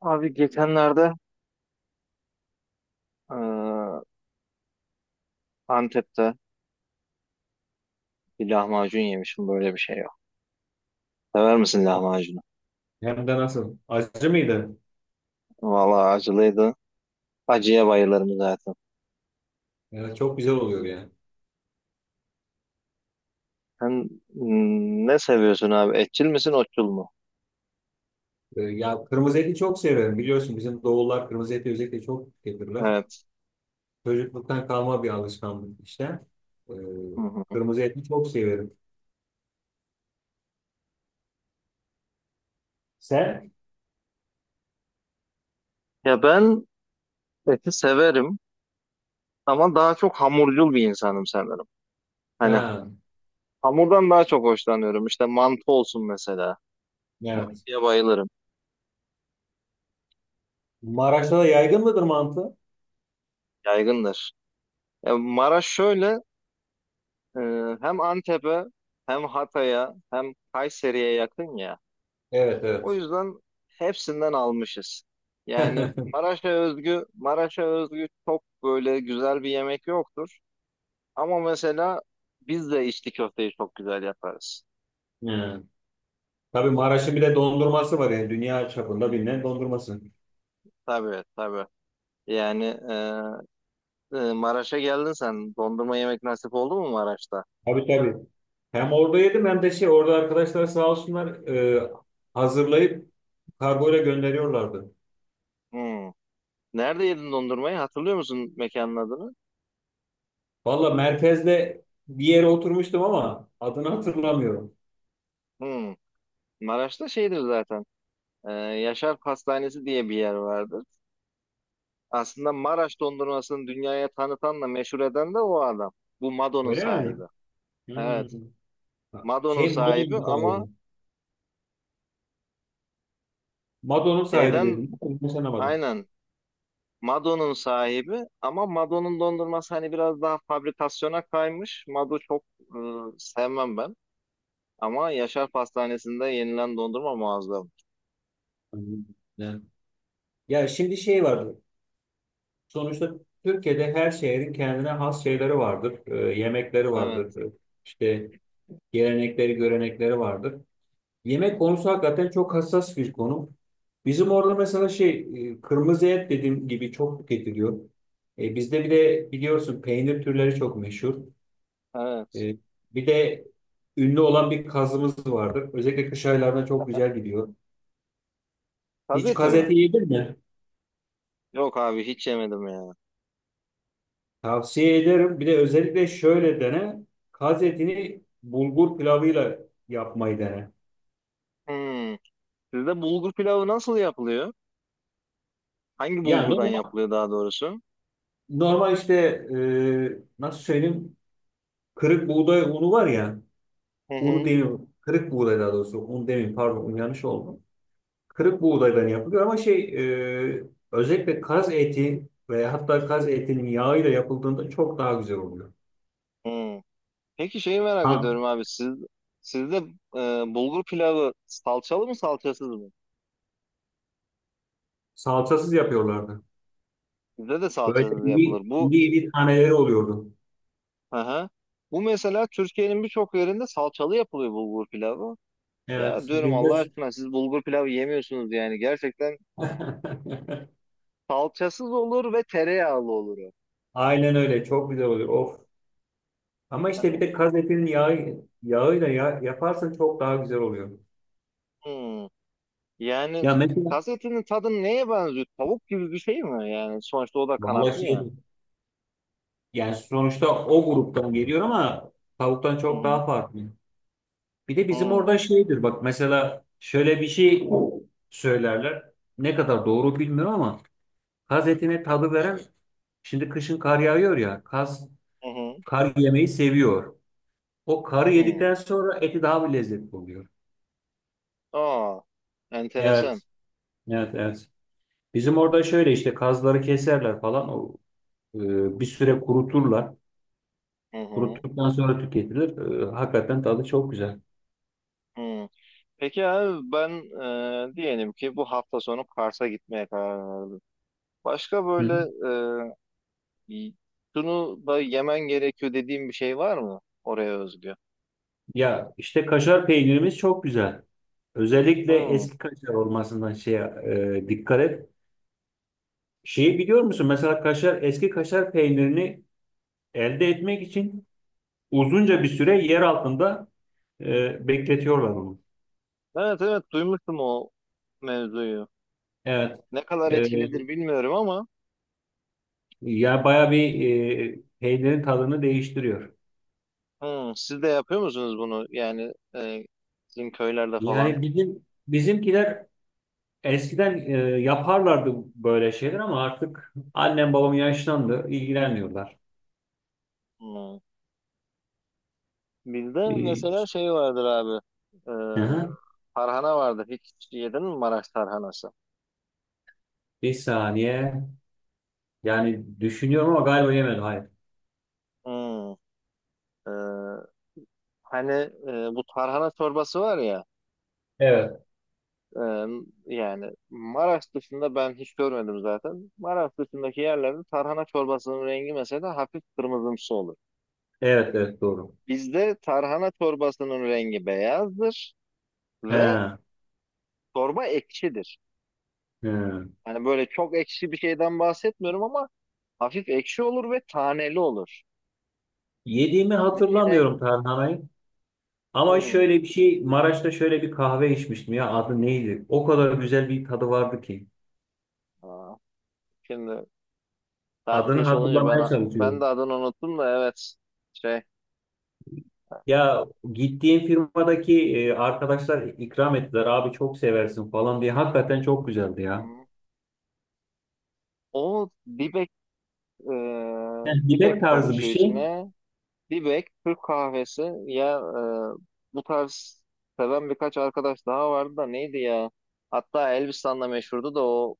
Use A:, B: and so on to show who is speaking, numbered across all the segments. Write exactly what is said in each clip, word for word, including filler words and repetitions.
A: Abi geçenlerde eee, Antep'te bir lahmacun yemişim, böyle bir şey yok. Sever misin lahmacunu?
B: Hem de nasıl? Acı mıydı?
A: Vallahi acılıydı. Acıya bayılırım zaten.
B: Yani çok güzel oluyor yani.
A: Sen mm, ne seviyorsun abi? Etçil misin, otçul mu?
B: Ee, Ya kırmızı eti çok severim. Biliyorsun bizim doğullar kırmızı eti özellikle çok getirirler.
A: Evet.
B: Çocukluktan kalma bir alışkanlık işte. Ee,
A: Hı hı.
B: Kırmızı eti çok severim. Sen?
A: Ya ben eti severim ama daha çok hamurcul bir insanım sanırım. Hani
B: Ha,
A: hamurdan daha çok hoşlanıyorum. İşte mantı olsun mesela.
B: evet.
A: Ya bayılırım.
B: Maraş'ta da yaygın mıdır mantı?
A: Yaygındır. Ya Maraş şöyle, Ee, hem Antep'e hem Hatay'a hem Kayseri'ye yakın ya.
B: Evet,
A: O
B: evet.
A: yüzden hepsinden almışız. Yani Maraş'a özgü, Maraş'a özgü çok böyle güzel bir yemek yoktur. Ama mesela biz de içli köfteyi çok güzel yaparız.
B: Yani. Tabii Maraş'ın bir de dondurması var, yani dünya çapında bilinen dondurması.
A: Tabii tabii. Yani e, e, Maraş'a geldin sen. Dondurma yemek nasip oldu mu Maraş'ta?
B: Tabii tabii. Hem orada yedim, hem de şey orada arkadaşlar sağ olsunlar e, hazırlayıp kargoyla gönderiyorlardı.
A: Hmm. Nerede yedin dondurmayı? Hatırlıyor musun mekanın adını?
B: Valla merkezde bir yere oturmuştum ama adını hatırlamıyorum.
A: Hmm. Maraş'ta şeydir zaten. Ee, Yaşar Pastanesi diye bir yer vardır. Aslında Maraş dondurmasını dünyaya tanıtanla meşhur eden de o adam. Bu Mado'nun
B: Öyle
A: sahibi.
B: mi?
A: Evet,
B: Hmm.
A: Mado'nun
B: Şey,
A: sahibi
B: Mado'nun
A: ama
B: sahibi. Mado'nun sahibi
A: şeyden,
B: dedim. Konuşamadım.
A: aynen, Mado'nun sahibi ama Mado'nun dondurması hani biraz daha fabrikasyona kaymış. Mado çok e, sevmem ben. Ama Yaşar Pastanesi'nde yenilen dondurma muazzam.
B: Ne? Ya şimdi şey var. Sonuçta Türkiye'de her şehrin kendine has şeyleri vardır. Ee, yemekleri
A: Evet,
B: vardır. Ee, İşte gelenekleri, görenekleri vardır. Yemek konusu hakikaten çok hassas bir konu. Bizim orada mesela şey e, kırmızı et dediğim gibi çok tüketiliyor. E, bizde bir de biliyorsun peynir türleri çok meşhur.
A: evet.
B: E, Bir de ünlü olan bir kazımız vardır. Özellikle kış aylarında çok güzel gidiyor. Hiç
A: Gazete
B: kaz
A: mi?
B: eti yedin mi?
A: Yok abi hiç yemedim ya.
B: Tavsiye ederim. Bir de özellikle şöyle dene. Kaz etini bulgur pilavıyla yapmayı dene.
A: Hmm. Sizde bulgur pilavı nasıl yapılıyor? Hangi
B: Yani
A: bulgurdan
B: normal,
A: yapılıyor daha doğrusu?
B: normal işte, e, nasıl söyleyeyim, kırık buğday unu var ya.
A: Hı
B: Unu
A: hı.
B: demiyorum. Kırık buğday daha doğrusu. Un demeyeyim, pardon, un yanlış oldu. Kırık buğdaydan yapılıyor ama şey, e, özellikle kaz eti veya hatta kaz etinin yağıyla yapıldığında çok daha güzel oluyor.
A: Hmm. Peki şeyi merak
B: Ha,
A: ediyorum abi. Siz, sizde, e, bulgur pilavı salçalı mı salçasız mı?
B: salçasız yapıyorlardı.
A: Bizde de
B: Böyle
A: salçasız
B: iri
A: yapılır. Bu,
B: iri, iri taneleri oluyordu.
A: hı hı. Bu mesela Türkiye'nin birçok yerinde salçalı yapılıyor bulgur pilavı. Ya
B: Evet,
A: diyorum
B: bizde.
A: Allah aşkına siz bulgur pilavı yemiyorsunuz yani. Gerçekten e, salçasız olur ve tereyağlı olur. o.
B: Aynen öyle, çok güzel oluyor. Of. Ama işte bir de kaz etinin yağı, yağıyla ya, yaparsan çok daha güzel oluyor.
A: Hmm. Yani
B: Ya mesela,
A: kas etinin tadı neye benziyor? Tavuk gibi bir şey mi? Yani sonuçta o da kanatlı
B: vallahi
A: ya.
B: şey, yani sonuçta o gruptan geliyor ama tavuktan
A: Hı
B: çok
A: hı.
B: daha farklı. Bir de bizim
A: Hmm.
B: orada şeydir, bak mesela şöyle bir şey söylerler. Ne kadar doğru bilmiyorum ama kaz etine tadı veren, şimdi kışın kar yağıyor ya, kaz
A: Hı hı.
B: kar yemeyi seviyor. O karı
A: Hı.
B: yedikten sonra eti daha bir lezzetli oluyor.
A: Aa, enteresan.
B: Evet, evet, evet. Bizim orada şöyle işte kazları keserler falan, o e, bir süre kuruturlar.
A: Hı hı.
B: Kuruttuktan sonra tüketilir. E, hakikaten tadı çok güzel.
A: Hı. Peki abi ben, e, diyelim ki bu hafta sonu Kars'a gitmeye karar verdim. Başka
B: Hı hı.
A: böyle e, y- şunu da yemen gerekiyor dediğim bir şey var mı oraya özgü?
B: Ya işte kaşar peynirimiz çok güzel. Özellikle
A: Hı.
B: eski, evet, kaşar olmasından şeye, e, dikkat et. Şeyi biliyor musun? Mesela kaşar, eski kaşar peynirini elde etmek için uzunca bir süre yer altında e, bekletiyorlar onu.
A: Evet evet, duymuştum o mevzuyu.
B: Evet.
A: Ne kadar
B: E,
A: etkilidir bilmiyorum ama,
B: Ya baya bir e, peynirin tadını değiştiriyor.
A: hı, siz de yapıyor musunuz bunu? Yani e, sizin köylerde falan.
B: Yani bizim bizimkiler eskiden e, yaparlardı böyle şeyler ama artık annem babam yaşlandı, ilgilenmiyorlar.
A: Hı. Bizde
B: E,
A: mesela şey vardır abi. E,
B: hı hı.
A: tarhana vardır. Hiç yedin mi Maraş tarhanası?
B: Bir saniye. Yani düşünüyorum ama galiba yemedim. Hayır.
A: Hmm. E, hani e, bu tarhana çorbası var ya.
B: Evet.
A: e, Yani Maraş dışında ben hiç görmedim zaten. Maraş dışındaki yerlerde tarhana çorbasının rengi mesela hafif kırmızımsı olur.
B: Evet, evet, doğru.
A: Bizde tarhana çorbasının rengi beyazdır ve
B: He,
A: çorba ekşidir.
B: he.
A: Hani böyle çok ekşi bir şeyden bahsetmiyorum ama hafif ekşi olur ve taneli olur.
B: Yediğimi
A: Hani şeyden.
B: hatırlamıyorum tarhanayı. Ama
A: Hmm.
B: şöyle bir şey, Maraş'ta şöyle bir kahve içmiştim ya, adı neydi? O kadar güzel bir tadı vardı ki.
A: Aa, şimdi saat
B: Adını
A: geç olunca
B: hatırlamaya
A: ben ben de
B: çalışıyorum.
A: adını unuttum da, evet, şey,
B: Ya, gittiğim firmadaki e, arkadaşlar ikram ettiler, abi çok seversin falan diye. Hakikaten çok güzeldi ya.
A: hı o dibek, e,
B: Yani yemek
A: dibek
B: tarzı bir
A: karışıyor
B: şey.
A: içine, dibek Türk kahvesi ya, e, bu tarz seven birkaç arkadaş daha vardı da, neydi ya, hatta Elbistan'da meşhurdu da, o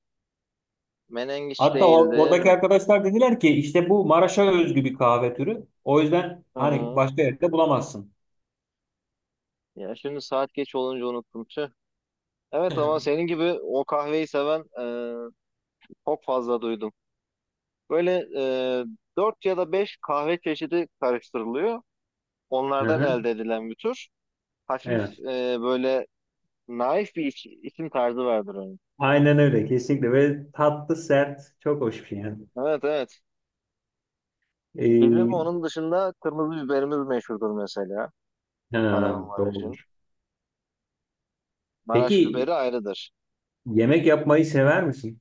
A: menengiç
B: Hatta or-
A: değildi
B: oradaki
A: mi?
B: arkadaşlar dediler ki işte bu Maraş'a özgü bir kahve türü. O yüzden
A: Hı
B: hani
A: hı.
B: başka yerde bulamazsın.
A: Ya şimdi saat geç olunca unuttum, tüh. Evet ama senin gibi o kahveyi seven, e, çok fazla duydum. Böyle e, dört ya da beş kahve çeşidi karıştırılıyor.
B: Hı
A: Onlardan
B: hı,
A: elde edilen bir tür. Hafif,
B: evet.
A: e, böyle naif bir iç- içim tarzı vardır onun.
B: Aynen öyle, kesinlikle, ve tatlı sert, çok hoş bir şey yani.
A: Evet evet. Bizim
B: Ee,
A: onun dışında kırmızı biberimiz meşhurdur mesela.
B: ha,
A: Kahramanmaraş'ın.
B: doğrudur.
A: Maraş
B: Peki,
A: biberi ayrıdır.
B: yemek yapmayı sever misin?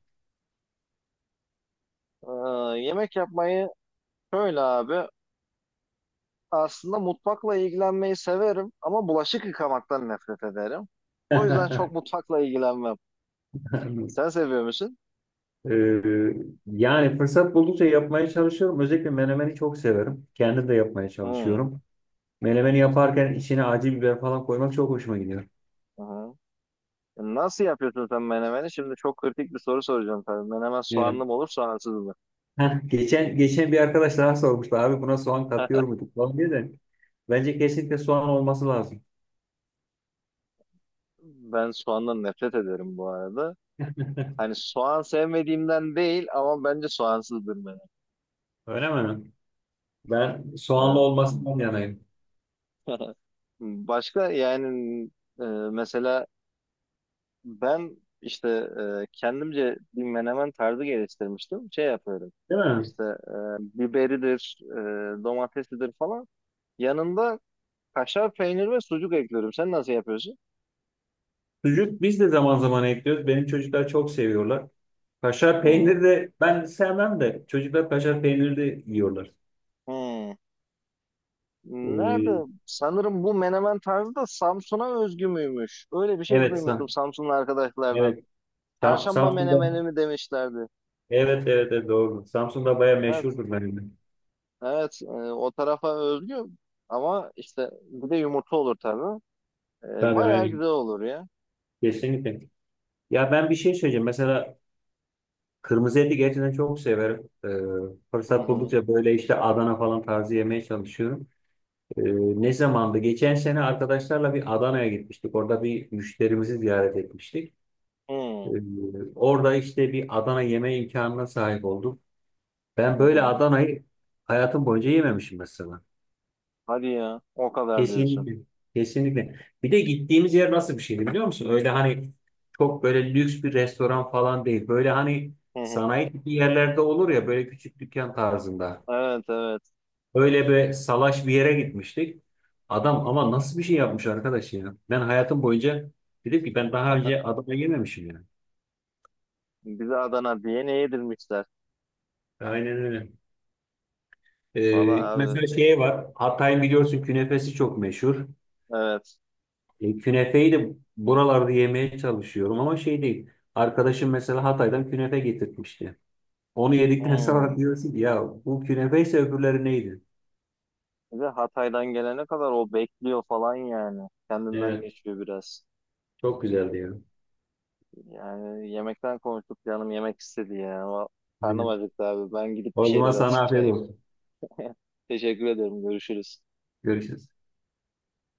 A: Ee, yemek yapmayı, şöyle abi. Aslında mutfakla ilgilenmeyi severim ama bulaşık yıkamaktan nefret ederim. O yüzden çok mutfakla ilgilenmem. Sen seviyor musun?
B: Ee, Yani fırsat buldukça yapmaya çalışıyorum. Özellikle menemeni çok severim. Kendim de yapmaya
A: Hı,
B: çalışıyorum. Menemeni yaparken içine acı biber falan koymak çok hoşuma gidiyor.
A: hı. Nasıl yapıyorsun sen menemeni? Şimdi çok kritik bir soru soracağım tabii. Menemen soğanlı mı olur, soğansız mı?
B: Heh, geçen geçen bir arkadaş daha sormuştu, abi buna soğan katıyor muyduk falan diye de, bence kesinlikle soğan olması lazım.
A: Ben soğandan nefret ederim bu arada. Hani soğan sevmediğimden değil ama bence soğansızdır menemen.
B: Öyle mi? Ben soğanlı
A: Ee,
B: olmasından yanayım.
A: başka, yani, e, mesela ben, işte, e, kendimce bir menemen tarzı geliştirmiştim. Şey yapıyorum.
B: Değil mi?
A: İşte e, biberidir, e, domatesidir falan. Yanında kaşar peynir ve sucuk ekliyorum. Sen nasıl yapıyorsun?
B: Sucuk biz de zaman zaman ekliyoruz. Benim çocuklar çok seviyorlar. Kaşar
A: Hı hı.
B: peynir de, ben sevmem de çocuklar kaşar peyniri de yiyorlar.
A: Hı. Nerede?
B: Ee,
A: Sanırım bu menemen tarzı da Samsun'a özgü müymüş? Öyle bir şey
B: evet,
A: duymuştum
B: Sam.
A: Samsunlu arkadaşlardan.
B: Evet. Sam,
A: Çarşamba
B: Samsun'da.
A: menemeni mi demişlerdi.
B: Evet, evet, evet, doğru. Samsun'da bayağı
A: Evet,
B: meşhurdur benim de.
A: evet. E, o tarafa özgü, ama işte bir de yumurta olur tabii. E,
B: Tabii,
A: bayağı
B: aynen.
A: güzel olur ya.
B: Kesinlikle. Ya, ben bir şey söyleyeceğim. Mesela kırmızı eti gerçekten çok severim. Ee,
A: Hı
B: fırsat
A: hı.
B: buldukça böyle işte Adana falan tarzı yemeye çalışıyorum. Ee, Ne zamandı? Geçen sene arkadaşlarla bir Adana'ya gitmiştik. Orada bir müşterimizi ziyaret etmiştik. Ee,
A: Hı
B: Orada işte bir Adana yeme imkanına sahip oldum. Ben
A: hı.
B: böyle
A: Hı.
B: Adana'yı hayatım boyunca yememişim mesela.
A: Hadi ya. O kadar diyorsun.
B: Kesinlikle. Kesinlikle. Bir de gittiğimiz yer nasıl bir şeydi biliyor musun? Öyle hani çok böyle lüks bir restoran falan değil. Böyle hani
A: Hı hı.
B: sanayi tipi yerlerde olur ya, böyle küçük dükkan tarzında.
A: Evet, evet.
B: Öyle bir salaş bir yere gitmiştik. Adam ama nasıl bir şey yapmış arkadaş ya. Ben hayatım boyunca, dedim ki, ben daha önce Adana yememişim yani.
A: Bize Adana diye ne yedirmişler?
B: Aynen öyle.
A: Valla
B: Ee,
A: abi.
B: mesela şey var. Hatay'ın biliyorsun künefesi çok meşhur.
A: Evet.
B: E, künefeyi de buralarda yemeye çalışıyorum ama şey değil. Arkadaşım mesela Hatay'dan künefe getirtmişti. Onu yedikten sonra
A: Hı.
B: diyorsun ki, ya bu künefe ise öbürleri neydi?
A: Bir de Hatay'dan gelene kadar o bekliyor falan yani. Kendinden
B: Evet,
A: geçiyor biraz.
B: çok güzeldi ya.
A: Yani yemekten konuştuk, canım yemek istedi ya. Ama karnım
B: Aynen.
A: acıktı abi. Ben gidip bir
B: O zaman
A: şeyler
B: sana afiyet
A: atıştırayım.
B: olsun.
A: Teşekkür ederim. Görüşürüz.
B: Görüşürüz.